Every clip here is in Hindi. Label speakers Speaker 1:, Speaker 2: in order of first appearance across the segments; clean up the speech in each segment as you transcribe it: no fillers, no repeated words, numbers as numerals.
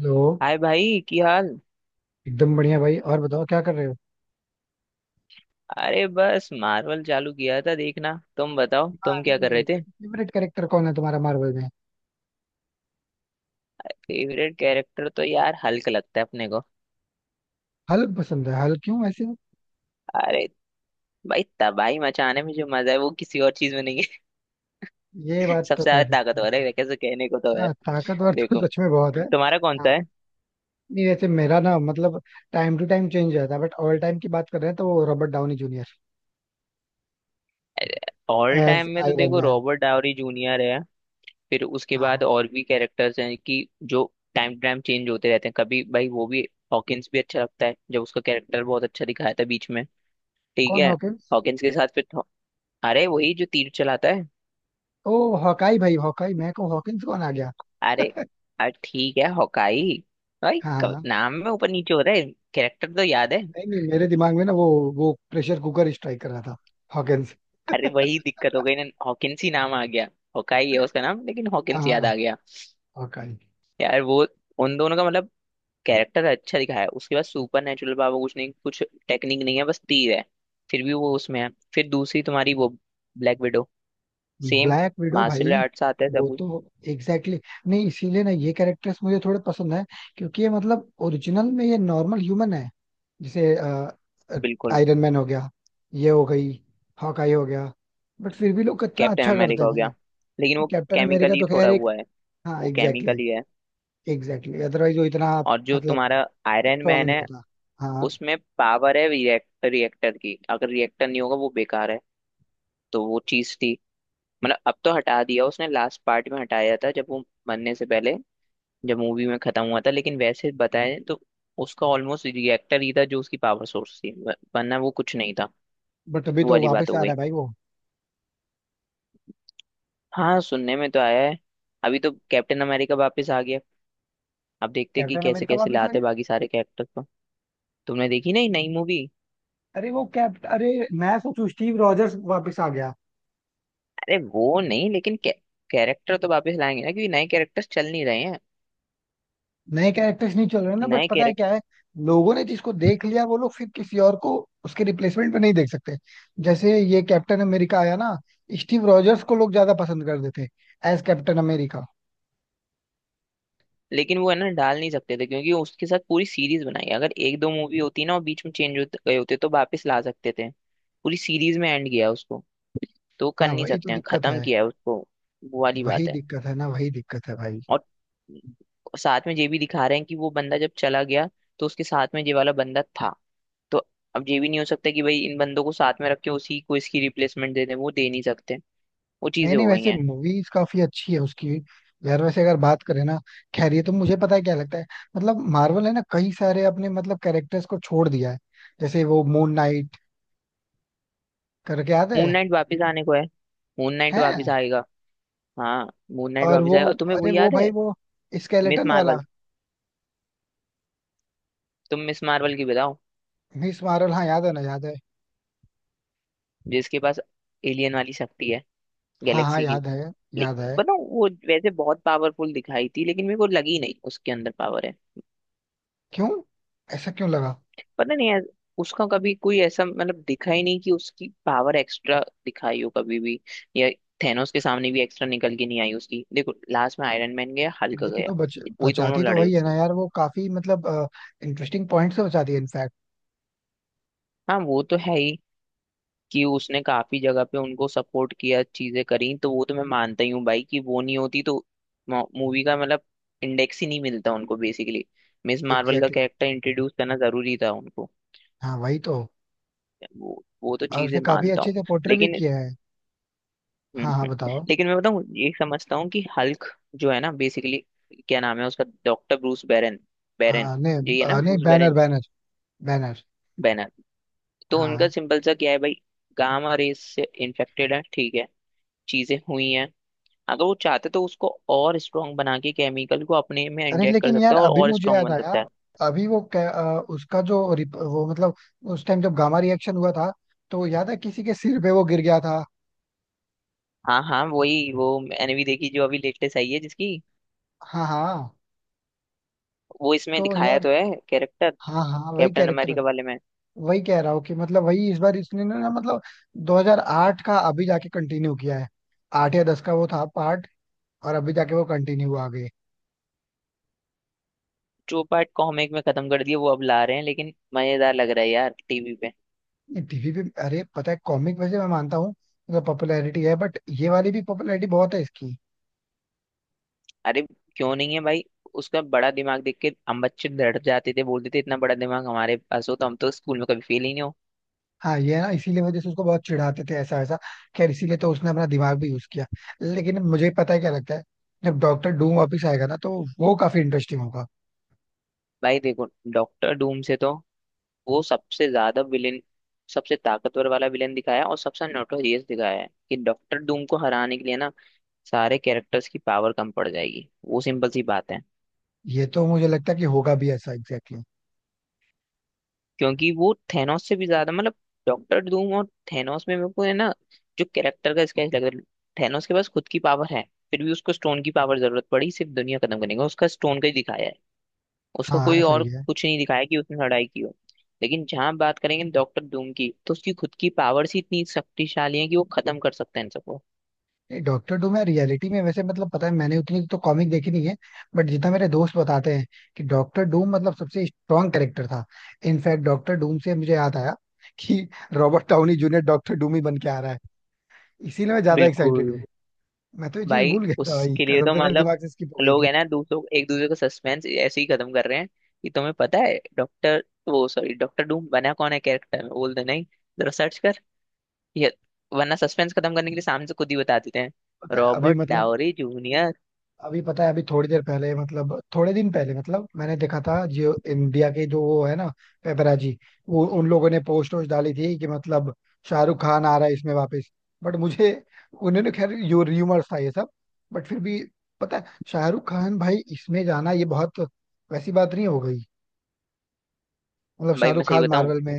Speaker 1: हेलो.
Speaker 2: हाय भाई की हाल।
Speaker 1: एकदम बढ़िया भाई. और बताओ क्या कर रहे हो?
Speaker 2: अरे बस मार्वल चालू किया था देखना। तुम बताओ तुम क्या कर रहे
Speaker 1: मार्वल
Speaker 2: थे।
Speaker 1: फेवरेट कैरेक्टर कौन है तुम्हारा मार्वल में?
Speaker 2: फेवरेट कैरेक्टर तो यार हल्क लगता है अपने को।
Speaker 1: हल्क पसंद है, हल्क क्यों ऐसे?
Speaker 2: अरे भाई तबाही मचाने में जो मजा है वो किसी और चीज में नहीं है।
Speaker 1: ये बात तो
Speaker 2: सबसे
Speaker 1: कह
Speaker 2: ज्यादा
Speaker 1: सकते
Speaker 2: ताकतवर है
Speaker 1: हैं.
Speaker 2: वैसे कहने को तो है।
Speaker 1: हाँ, ताकतवर तो
Speaker 2: देखो
Speaker 1: सच में बहुत है.
Speaker 2: तुम्हारा कौन सा है।
Speaker 1: हाँ, नहीं वैसे मेरा ना मतलब, टाइम टू टाइम चेंज रहता है, बट ऑल टाइम की बात कर रहे हैं तो वो Robert Downey Junior
Speaker 2: all
Speaker 1: as
Speaker 2: time में तो
Speaker 1: आयरन
Speaker 2: देखो
Speaker 1: मैन.
Speaker 2: रॉबर्ट डावरी जूनियर है। फिर उसके बाद
Speaker 1: हाँ.
Speaker 2: और भी कैरेक्टर्स हैं कि जो टाइम टू टाइम चेंज होते रहते हैं। कभी भाई वो भी हॉकिंस भी अच्छा लगता है, जब उसका कैरेक्टर बहुत अच्छा दिखाया था बीच में। ठीक
Speaker 1: कौन
Speaker 2: है
Speaker 1: हॉकिंस?
Speaker 2: हॉकिंस के साथ फिर तो, अरे वही जो तीर चलाता है।
Speaker 1: ओ, हॉकाई भाई. हॉकाई मैं को हॉकिंस कौन आ गया.
Speaker 2: अरे अरे ठीक है हॉकाई भाई।
Speaker 1: हाँ, हाँ.
Speaker 2: नाम में ऊपर नीचे हो रहा है। कैरेक्टर तो याद है।
Speaker 1: नहीं नहीं, मेरे दिमाग में ना वो प्रेशर कुकर स्ट्राइक कर रहा था. हॉकिंस.
Speaker 2: अरे वही दिक्कत हो गई ना, हॉकिंस ही नाम आ गया। हॉकाई है उसका नाम, लेकिन हॉकिंस याद
Speaker 1: हाँ,
Speaker 2: आ गया।
Speaker 1: हॉकाई.
Speaker 2: यार वो उन दोनों का मतलब कैरेक्टर अच्छा दिखाया है। उसके बाद सुपर नेचुरल पावर कुछ नहीं, कुछ टेक्निक नहीं है, बस तीर है। फिर भी वो उसमें है। फिर दूसरी तुम्हारी वो Black Widow. Same
Speaker 1: Black Widow
Speaker 2: martial
Speaker 1: भाई.
Speaker 2: आर्ट्स आता है सब
Speaker 1: वो
Speaker 2: कुछ।
Speaker 1: तो एग्जैक्टली exactly, नहीं इसीलिए ना ये कैरेक्टर्स मुझे थोड़े पसंद है, क्योंकि ये मतलब ओरिजिनल में ये नॉर्मल ह्यूमन है. जैसे
Speaker 2: बिल्कुल।
Speaker 1: आयरन मैन हो गया, ये हो गई, हॉकाई हो गया, बट फिर भी लोग कितना
Speaker 2: कैप्टन
Speaker 1: अच्छा करते
Speaker 2: अमेरिका
Speaker 1: हैं
Speaker 2: हो गया
Speaker 1: भाई.
Speaker 2: लेकिन वो
Speaker 1: कैप्टन अमेरिका
Speaker 2: केमिकली
Speaker 1: तो
Speaker 2: थोड़ा
Speaker 1: खैर एक.
Speaker 2: हुआ है।
Speaker 1: हाँ
Speaker 2: वो
Speaker 1: एग्जैक्टली.
Speaker 2: केमिकली है।
Speaker 1: एग्जैक्टली अदरवाइज वो इतना
Speaker 2: और जो
Speaker 1: मतलब
Speaker 2: तुम्हारा आयरन
Speaker 1: स्ट्रांग
Speaker 2: मैन
Speaker 1: नहीं
Speaker 2: है
Speaker 1: होता. हाँ.
Speaker 2: उसमें पावर है रिएक्टर। रिएक्टर की अगर रिएक्टर नहीं होगा वो बेकार है। तो वो चीज थी। मतलब अब तो हटा दिया उसने, लास्ट पार्ट में हटाया था जब वो बनने से पहले जब मूवी में खत्म हुआ था। लेकिन वैसे बताए तो उसका ऑलमोस्ट रिएक्टर ही था जो उसकी पावर सोर्स थी, वरना वो कुछ नहीं था।
Speaker 1: बट अभी
Speaker 2: वो
Speaker 1: तो
Speaker 2: वाली बात
Speaker 1: वापस
Speaker 2: हो
Speaker 1: आ रहा
Speaker 2: गई।
Speaker 1: है भाई वो.
Speaker 2: हाँ सुनने में तो आया है। अभी तो कैप्टन अमेरिका वापस आ गया। अब देखते हैं कि
Speaker 1: कैप्टन
Speaker 2: कैसे
Speaker 1: अमेरिका
Speaker 2: कैसे
Speaker 1: वापस आ
Speaker 2: लाते हैं
Speaker 1: गया?
Speaker 2: बाकी सारे कैरेक्टर को। तुमने देखी नहीं नई मूवी।
Speaker 1: अरे वो कैप्ट, अरे मैं सोचू स्टीव रॉजर्स वापस आ गया.
Speaker 2: अरे वो नहीं, लेकिन कैरेक्टर तो वापस लाएंगे ना, क्योंकि नए कैरेक्टर्स चल नहीं रहे हैं।
Speaker 1: नए कैरेक्टर्स नहीं चल रहे ना, बट
Speaker 2: नए
Speaker 1: पता है
Speaker 2: कैरेक्टर
Speaker 1: क्या है, लोगों ने जिसको देख लिया वो लोग फिर किसी और को उसके रिप्लेसमेंट में नहीं देख सकते. जैसे ये कैप्टन अमेरिका आया ना, स्टीव रॉजर्स को लोग ज्यादा पसंद कर देते एज कैप्टन अमेरिका.
Speaker 2: लेकिन वो है ना, डाल नहीं सकते थे क्योंकि उसके साथ पूरी सीरीज बनाई है। अगर एक दो मूवी होती ना और बीच में चेंज हो गए होते तो वापस ला सकते थे। पूरी सीरीज में एंड किया है उसको। तो वो कर
Speaker 1: हाँ,
Speaker 2: नहीं
Speaker 1: वही तो
Speaker 2: सकते हैं,
Speaker 1: दिक्कत
Speaker 2: खत्म
Speaker 1: है.
Speaker 2: किया है उसको। वो वाली
Speaker 1: वही
Speaker 2: बात है।
Speaker 1: दिक्कत है ना, वही दिक्कत है भाई.
Speaker 2: और साथ में ये भी दिखा रहे हैं कि वो बंदा जब चला गया तो उसके साथ में ये वाला बंदा था। तो अब ये भी नहीं हो सकता कि भाई इन बंदों को साथ में रख के उसी को इसकी रिप्लेसमेंट दे दें, वो दे नहीं सकते। वो
Speaker 1: नहीं
Speaker 2: चीजें
Speaker 1: नहीं,
Speaker 2: हो गई
Speaker 1: वैसे
Speaker 2: हैं।
Speaker 1: मूवीज काफी अच्छी है उसकी. यार वैसे अगर बात करें ना, खैर ये तो मुझे पता है क्या लगता है. मतलब मार्वल है ना, कई सारे अपने मतलब कैरेक्टर्स को छोड़ दिया है. जैसे वो मून नाइट करके, याद है?
Speaker 2: मून नाइट वापिस आने को है। मून नाइट वापिस
Speaker 1: हैं.
Speaker 2: आएगा। हाँ, मून नाइट
Speaker 1: और
Speaker 2: वापिस
Speaker 1: वो,
Speaker 2: आएगा। और तुम्हें वो
Speaker 1: अरे वो
Speaker 2: याद है,
Speaker 1: भाई वो
Speaker 2: मिस
Speaker 1: स्केलेटन वाला.
Speaker 2: मार्वल? तुम मिस मार्वल की बताओ,
Speaker 1: मिस मार्वल. हाँ, याद है ना, याद है.
Speaker 2: जिसके पास एलियन वाली शक्ति है,
Speaker 1: हाँ हाँ,
Speaker 2: गैलेक्सी की।
Speaker 1: याद है, याद
Speaker 2: लेकिन
Speaker 1: है.
Speaker 2: बताओ वो वैसे बहुत पावरफुल दिखाई थी, लेकिन मेरे को लगी नहीं उसके अंदर पावर है।
Speaker 1: क्यों? ऐसा क्यों लगा?
Speaker 2: पता नहीं यार, उसका कभी कोई ऐसा मतलब दिखा ही नहीं कि उसकी पावर एक्स्ट्रा दिखाई हो कभी भी। या थेनोस के सामने भी एक्स्ट्रा निकल के नहीं आई उसकी। देखो लास्ट में आयरन मैन गया, हल्क
Speaker 1: लेकिन
Speaker 2: गया,
Speaker 1: वो
Speaker 2: वही दोनों
Speaker 1: बचाती तो
Speaker 2: लड़े
Speaker 1: वही है
Speaker 2: उससे।
Speaker 1: ना यार. वो काफी मतलब इंटरेस्टिंग पॉइंट से बचाती है इनफैक्ट.
Speaker 2: हाँ वो तो है ही कि उसने काफी जगह पे उनको सपोर्ट किया, चीजें करी। तो वो तो मैं मानता ही हूँ भाई कि वो नहीं होती तो मूवी का मतलब इंडेक्स ही नहीं मिलता उनको बेसिकली। मिस मार्वल का
Speaker 1: एग्जैक्टली exactly.
Speaker 2: कैरेक्टर इंट्रोड्यूस करना जरूरी था उनको।
Speaker 1: हाँ, वही तो.
Speaker 2: वो तो
Speaker 1: और
Speaker 2: चीजें
Speaker 1: उसने काफी
Speaker 2: मानता
Speaker 1: अच्छे
Speaker 2: हूँ।
Speaker 1: से पोर्ट्रे भी
Speaker 2: लेकिन
Speaker 1: किया है. हाँ हाँ, बताओ.
Speaker 2: लेकिन मैं बताऊँ, ये समझता हूँ कि हल्क जो है ना बेसिकली, क्या नाम है उसका, डॉक्टर ब्रूस बैरन। बैरन।
Speaker 1: हाँ, नहीं
Speaker 2: यही है ना
Speaker 1: नहीं
Speaker 2: Bruce
Speaker 1: Banner
Speaker 2: Baron.
Speaker 1: Banner Banner.
Speaker 2: Banner. तो उनका
Speaker 1: हाँ.
Speaker 2: सिंपल सा क्या है भाई, गामा रेस से इन्फेक्टेड है। ठीक है चीजें हुई हैं। अगर वो चाहते तो उसको और स्ट्रांग बना के, केमिकल को अपने में
Speaker 1: अरे
Speaker 2: इंजेक्ट कर
Speaker 1: लेकिन
Speaker 2: सकता
Speaker 1: यार
Speaker 2: है और
Speaker 1: अभी
Speaker 2: और
Speaker 1: मुझे
Speaker 2: स्ट्रांग
Speaker 1: याद
Speaker 2: बन
Speaker 1: आया.
Speaker 2: सकता है।
Speaker 1: अभी वो उसका जो वो मतलब उस टाइम जब गामा रिएक्शन हुआ था, तो याद है किसी के सिर पे वो गिर गया था.
Speaker 2: हाँ हाँ, वही वो मैंने भी देखी जो अभी लेटेस्ट आई है जिसकी।
Speaker 1: हाँ हाँ.
Speaker 2: वो इसमें
Speaker 1: तो
Speaker 2: दिखाया
Speaker 1: यार,
Speaker 2: तो है कैरेक्टर,
Speaker 1: हाँ हाँ वही
Speaker 2: कैप्टन
Speaker 1: कैरेक्टर.
Speaker 2: अमेरिका वाले में।
Speaker 1: वही कह रहा हूँ कि मतलब वही इस बार इसने ना ना मतलब 2008 का अभी जाके कंटिन्यू किया है. आठ या दस का वो था पार्ट, और अभी जाके वो कंटिन्यू हुआ आगे.
Speaker 2: टू पार्ट कॉमिक में खत्म कर दिया, वो अब ला रहे हैं। लेकिन मजेदार लग रहा है यार टीवी पे।
Speaker 1: टीवी पे अरे पता है, कॉमिक वैसे मैं मानता हूँ मतलब पॉपुलैरिटी है, बट ये वाली भी पॉपुलैरिटी बहुत है इसकी.
Speaker 2: अरे क्यों नहीं है भाई, उसका बड़ा दिमाग देख के हम बच्चे डर जाते थे। बोलते थे इतना बड़ा दिमाग हमारे पास हो तो हम तो स्कूल में कभी फेल ही नहीं हो।
Speaker 1: हाँ, ये है ना, इसीलिए वजह से उसको बहुत चिढ़ाते थे ऐसा ऐसा. खैर इसीलिए तो उसने अपना दिमाग भी यूज किया. लेकिन मुझे पता है क्या लगता है, जब डॉक्टर डूम वापस आएगा ना, तो वो काफी इंटरेस्टिंग होगा.
Speaker 2: भाई देखो, डॉक्टर डूम से तो वो सबसे ज्यादा विलेन, सबसे ताकतवर वाला विलेन दिखाया और सबसे नोटोरियस दिखाया है कि डॉक्टर डूम को हराने के लिए ना सारे कैरेक्टर्स की पावर कम पड़ जाएगी। वो सिंपल सी बात है।
Speaker 1: ये तो मुझे लगता है कि होगा भी ऐसा एग्जैक्टली exactly.
Speaker 2: क्योंकि वो थेनोस से भी ज्यादा मतलब, डॉक्टर डूम और थेनोस में मेरे को है ना जो कैरेक्टर का स्केच लग रहा है, थेनोस के पास खुद की पावर है, फिर भी उसको स्टोन की पावर जरूरत पड़ी। सिर्फ दुनिया खत्म करने का उसका स्टोन का ही दिखाया है। उसका
Speaker 1: हाँ
Speaker 2: कोई
Speaker 1: हाँ,
Speaker 2: और
Speaker 1: सही है.
Speaker 2: कुछ नहीं दिखाया कि उसने लड़ाई की हो। लेकिन जहां बात करेंगे डॉक्टर डूम की, तो उसकी खुद की पावर्स ही इतनी शक्तिशाली है कि वो खत्म कर सकता है इन सबको।
Speaker 1: डॉक्टर डूम है रियलिटी में वैसे मतलब, पता है मैंने उतनी तो कॉमिक देखी नहीं है, बट जितना मेरे दोस्त बताते हैं कि डॉक्टर डूम मतलब सबसे स्ट्रांग कैरेक्टर था. इनफैक्ट डॉक्टर डूम से मुझे याद आया कि Robert Downey Junior Doctor Doom ही बन के आ रहा है. इसीलिए मैं ज्यादा एक्साइटेड
Speaker 2: बिल्कुल।
Speaker 1: हूँ. मैं तो ये चीज
Speaker 2: भाई
Speaker 1: भूल गया था भाई,
Speaker 2: उसके लिए
Speaker 1: कसम
Speaker 2: तो
Speaker 1: से मेरे
Speaker 2: मतलब,
Speaker 1: दिमाग से स्किप हो गई
Speaker 2: लोग
Speaker 1: थी.
Speaker 2: है ना दूसरों, एक दूसरे का सस्पेंस ऐसे ही खत्म कर रहे हैं कि तुम्हें पता है डॉक्टर, वो सॉरी डॉक्टर डूम बना कौन है कैरेक्टर में, बोल दे नहीं। जरा सर्च कर ये, वरना सस्पेंस खत्म करने के लिए सामने से खुद ही बता देते हैं।
Speaker 1: पता है अभी
Speaker 2: रॉबर्ट
Speaker 1: मतलब,
Speaker 2: डावरी जूनियर।
Speaker 1: अभी पता है अभी थोड़ी देर पहले मतलब थोड़े दिन पहले मतलब मैंने देखा था जो इंडिया के जो वो है ना, पेपराजी, वो उन लोगों ने पोस्ट वोस्ट डाली थी कि मतलब शाहरुख खान आ रहा है इसमें वापस. बट मुझे, उन्होंने खैर यो र्यूमर्स था ये सब. बट फिर भी पता है, शाहरुख खान भाई इसमें जाना, ये बहुत वैसी बात नहीं हो गई. मतलब
Speaker 2: भाई मैं
Speaker 1: शाहरुख
Speaker 2: सही
Speaker 1: खान
Speaker 2: बताऊं,
Speaker 1: मार्वल में,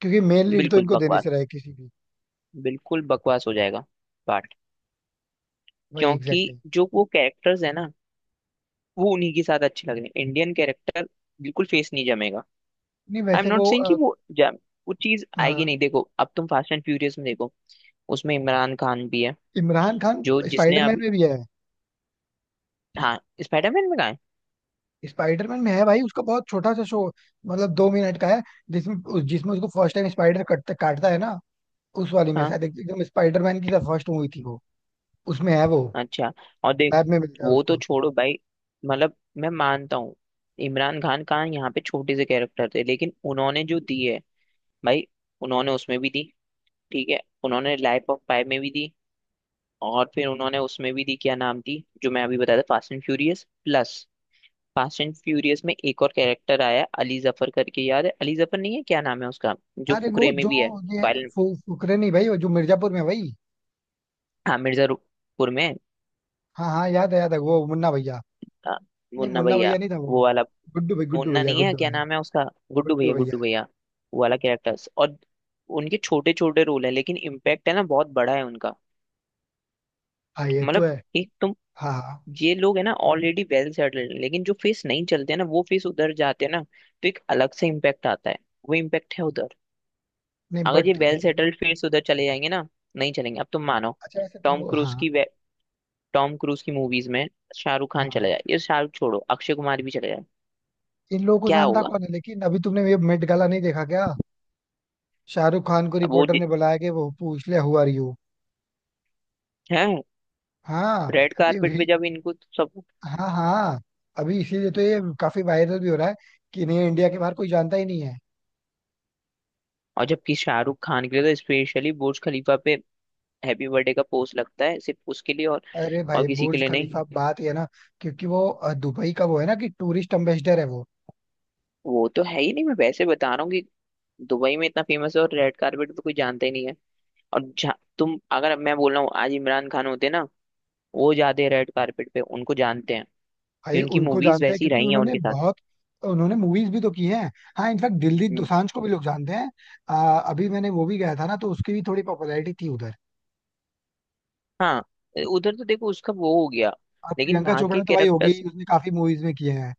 Speaker 1: क्योंकि मेन लीड तो
Speaker 2: बिल्कुल
Speaker 1: इनको देने से
Speaker 2: बकवास,
Speaker 1: रहे किसी भी.
Speaker 2: बिल्कुल बकवास हो जाएगा पार्ट।
Speaker 1: वही
Speaker 2: क्योंकि
Speaker 1: एग्जैक्टली exactly.
Speaker 2: जो वो कैरेक्टर्स है ना, वो उन्हीं के साथ अच्छे लग रहे हैं। इंडियन कैरेक्टर बिल्कुल फेस नहीं जमेगा।
Speaker 1: नहीं
Speaker 2: आई एम
Speaker 1: वैसे
Speaker 2: नॉट
Speaker 1: वो
Speaker 2: सेइंग कि वो जा, वो चीज आएगी
Speaker 1: हाँ.
Speaker 2: नहीं। देखो अब तुम फास्ट एंड फ्यूरियस में देखो, उसमें इमरान खान भी है,
Speaker 1: इमरान खान
Speaker 2: जो जिसने
Speaker 1: स्पाइडरमैन
Speaker 2: अभी,
Speaker 1: में भी है.
Speaker 2: हाँ, स्पाइडरमैन में कहा है।
Speaker 1: स्पाइडरमैन में है भाई, उसका बहुत छोटा सा शो, मतलब 2 मिनट का है. जिसमें उसको फर्स्ट टाइम स्पाइडर कटता काटता है ना, उस वाली में
Speaker 2: हाँ
Speaker 1: शायद एकदम स्पाइडरमैन की फर्स्ट मूवी थी वो. उसमें है वो,
Speaker 2: अच्छा, और देख,
Speaker 1: लैब में मिलता है
Speaker 2: वो तो
Speaker 1: उसको.
Speaker 2: छोड़ो भाई, मतलब मैं मानता हूँ इमरान खान का यहाँ पे छोटे से कैरेक्टर थे, लेकिन उन्होंने जो दी है भाई, उन्होंने उसमें भी दी, ठीक है, उन्होंने लाइफ ऑफ पाई में भी दी, और फिर उन्होंने उसमें भी दी, क्या नाम थी जो मैं अभी बताया था, Fast and Furious plus. Fast and Furious में एक और कैरेक्टर आया, अली जफर करके, याद है? अली जफर नहीं है, क्या नाम है उसका, जो
Speaker 1: अरे
Speaker 2: फुकरे
Speaker 1: वो
Speaker 2: में
Speaker 1: जो
Speaker 2: भी है,
Speaker 1: ये
Speaker 2: फाइल।
Speaker 1: फुकरे नहीं भाई, वो जो मिर्जापुर में है भाई.
Speaker 2: हाँ मिर्जापुर में है,
Speaker 1: हाँ हाँ, याद है, याद है वो, मुन्ना भैया.
Speaker 2: हाँ,
Speaker 1: नहीं
Speaker 2: मुन्ना
Speaker 1: मुन्ना
Speaker 2: भैया,
Speaker 1: भैया नहीं था वो.
Speaker 2: वो वाला।
Speaker 1: गुड्डू
Speaker 2: मुन्ना
Speaker 1: भैया,
Speaker 2: नहीं है
Speaker 1: गुड्डू
Speaker 2: क्या
Speaker 1: भैया.
Speaker 2: नाम है उसका, गुड्डू
Speaker 1: गुड्डू
Speaker 2: भैया,
Speaker 1: भैया.
Speaker 2: गुड्डू भैया। वो वाला कैरेक्टर्स, और उनके छोटे छोटे रोल है, लेकिन इम्पैक्ट है ना बहुत बड़ा है उनका।
Speaker 1: हाँ, ये तो
Speaker 2: मतलब
Speaker 1: है.
Speaker 2: एक तो,
Speaker 1: हाँ हाँ.
Speaker 2: ये लोग है ना ऑलरेडी वेल सेटल्ड, लेकिन जो फेस नहीं चलते हैं ना, वो फेस उधर जाते हैं ना तो एक अलग से इम्पैक्ट आता है। वो इम्पैक्ट है उधर।
Speaker 1: नहीं
Speaker 2: अगर ये
Speaker 1: बट
Speaker 2: वेल
Speaker 1: ये है ना-
Speaker 2: सेटल्ड फिर से उधर चले जाएंगे ना, नहीं चलेंगे, अब तुम मानो।
Speaker 1: अच्छा वैसे तुम,
Speaker 2: टॉम क्रूज
Speaker 1: हाँ.
Speaker 2: की टॉम क्रूज की मूवीज में शाहरुख खान
Speaker 1: हाँ,
Speaker 2: चला जाए, ये शाहरुख छोड़ो, अक्षय कुमार भी चले जाए,
Speaker 1: इन लोगों को
Speaker 2: क्या
Speaker 1: जानता
Speaker 2: होगा?
Speaker 1: कौन है, लेकिन अभी तुमने ये मेट गाला नहीं देखा क्या? शाहरुख खान को
Speaker 2: अब वो
Speaker 1: रिपोर्टर ने बुलाया कि वो पूछ लिया हु आर यू.
Speaker 2: है,
Speaker 1: हाँ,
Speaker 2: रेड
Speaker 1: ये
Speaker 2: कारपेट पे
Speaker 1: भी.
Speaker 2: जब इनको सब।
Speaker 1: हाँ हाँ. अभी इसीलिए तो ये काफी वायरल भी हो रहा है कि नहीं, इंडिया के बाहर कोई जानता ही नहीं है.
Speaker 2: और जबकि शाहरुख खान के लिए तो स्पेशली बुर्ज खलीफा पे हैप्पी बर्थडे का पोस्ट लगता है, सिर्फ उसके लिए और
Speaker 1: अरे
Speaker 2: और
Speaker 1: भाई,
Speaker 2: किसी के
Speaker 1: बुर्ज
Speaker 2: लिए नहीं।
Speaker 1: खलीफा बात ये है ना, क्योंकि वो दुबई का वो है ना, कि टूरिस्ट एम्बेसडर है वो.
Speaker 2: वो तो है ही नहीं, मैं वैसे बता रहा हूँ कि दुबई में इतना फेमस है, और रेड कारपेट पे कोई जानता ही नहीं है। और तुम अगर, मैं बोल रहा हूँ आज इमरान खान होते ना, वो जाते हैं रेड कारपेट पे उनको जानते हैं।
Speaker 1: भाई
Speaker 2: क्योंकि
Speaker 1: उनको
Speaker 2: मूवीज
Speaker 1: जानता है
Speaker 2: वैसी
Speaker 1: क्योंकि
Speaker 2: रही हैं
Speaker 1: उन्होंने
Speaker 2: उनके साथ।
Speaker 1: बहुत, उन्होंने मूवीज भी तो की हैं. हाँ, इनफैक्ट दिलजीत
Speaker 2: हम्म,
Speaker 1: दोसांझ को भी लोग जानते हैं. अ, अभी मैंने वो भी गया था ना, तो उसकी भी थोड़ी पॉपुलैरिटी थी उधर.
Speaker 2: हाँ, उधर तो देखो उसका वो हो गया।
Speaker 1: और
Speaker 2: लेकिन
Speaker 1: प्रियंका
Speaker 2: वहां के
Speaker 1: चोपड़ा तो भाई होगी
Speaker 2: कैरेक्टर्स
Speaker 1: ही, उसने काफी मूवीज में किया है.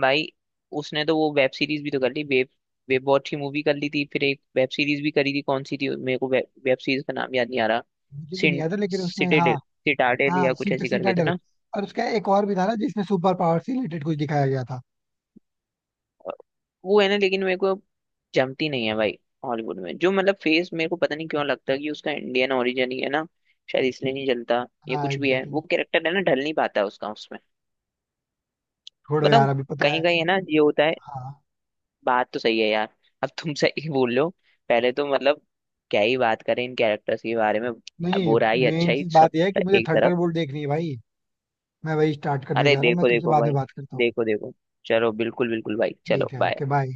Speaker 2: भाई, उसने तो वो वेब सीरीज भी तो कर ली। वेब, वेब वॉच की मूवी कर ली थी, फिर एक वेब सीरीज भी करी थी, कौन सी थी मेरे को, वेब, वेब सीरीज का नाम याद नहीं आ रहा।
Speaker 1: मुझे भी नहीं याद है, लेकिन उसमें
Speaker 2: सिटाडेल,
Speaker 1: हाँ.
Speaker 2: सिटाडेल
Speaker 1: हाँ
Speaker 2: या कुछ ऐसी करके था
Speaker 1: सीटाडेल.
Speaker 2: ना।
Speaker 1: और उसका एक और भी था ना, जिसमें सुपर पावर से रिलेटेड कुछ दिखाया गया था.
Speaker 2: वो है ना, लेकिन मेरे को जमती नहीं है भाई, हॉलीवुड में जो मतलब फेस मेरे को पता नहीं क्यों लगता है कि उसका इंडियन ओरिजिन ही है ना, शायद इसलिए नहीं जलता। ये
Speaker 1: हाँ
Speaker 2: कुछ भी है,
Speaker 1: एग्जैक्टली
Speaker 2: वो
Speaker 1: exactly.
Speaker 2: कैरेक्टर है ना ढल नहीं पाता उसका उसमें।
Speaker 1: छोड़ो यार,
Speaker 2: बताऊँ,
Speaker 1: अभी पता
Speaker 2: कहीं
Speaker 1: है.
Speaker 2: कहीं है ना ये होता है।
Speaker 1: हाँ,
Speaker 2: बात तो सही है यार, अब तुम सही बोल लो। पहले तो मतलब, क्या ही बात करें इन कैरेक्टर्स के बारे में,
Speaker 1: नहीं,
Speaker 2: बुरा ही अच्छा
Speaker 1: मेन
Speaker 2: ही
Speaker 1: चीज
Speaker 2: सब
Speaker 1: बात यह है कि मुझे
Speaker 2: एक तरफ।
Speaker 1: थंडरबोल्ट देखनी है भाई. मैं वही स्टार्ट करने
Speaker 2: अरे
Speaker 1: जा रहा हूँ. मैं
Speaker 2: देखो
Speaker 1: तुमसे
Speaker 2: देखो
Speaker 1: बाद में
Speaker 2: भाई,
Speaker 1: बात करता हूँ.
Speaker 2: देखो देखो। चलो बिल्कुल बिल्कुल भाई, चलो
Speaker 1: ठीक है,
Speaker 2: बाय।
Speaker 1: Okay bye.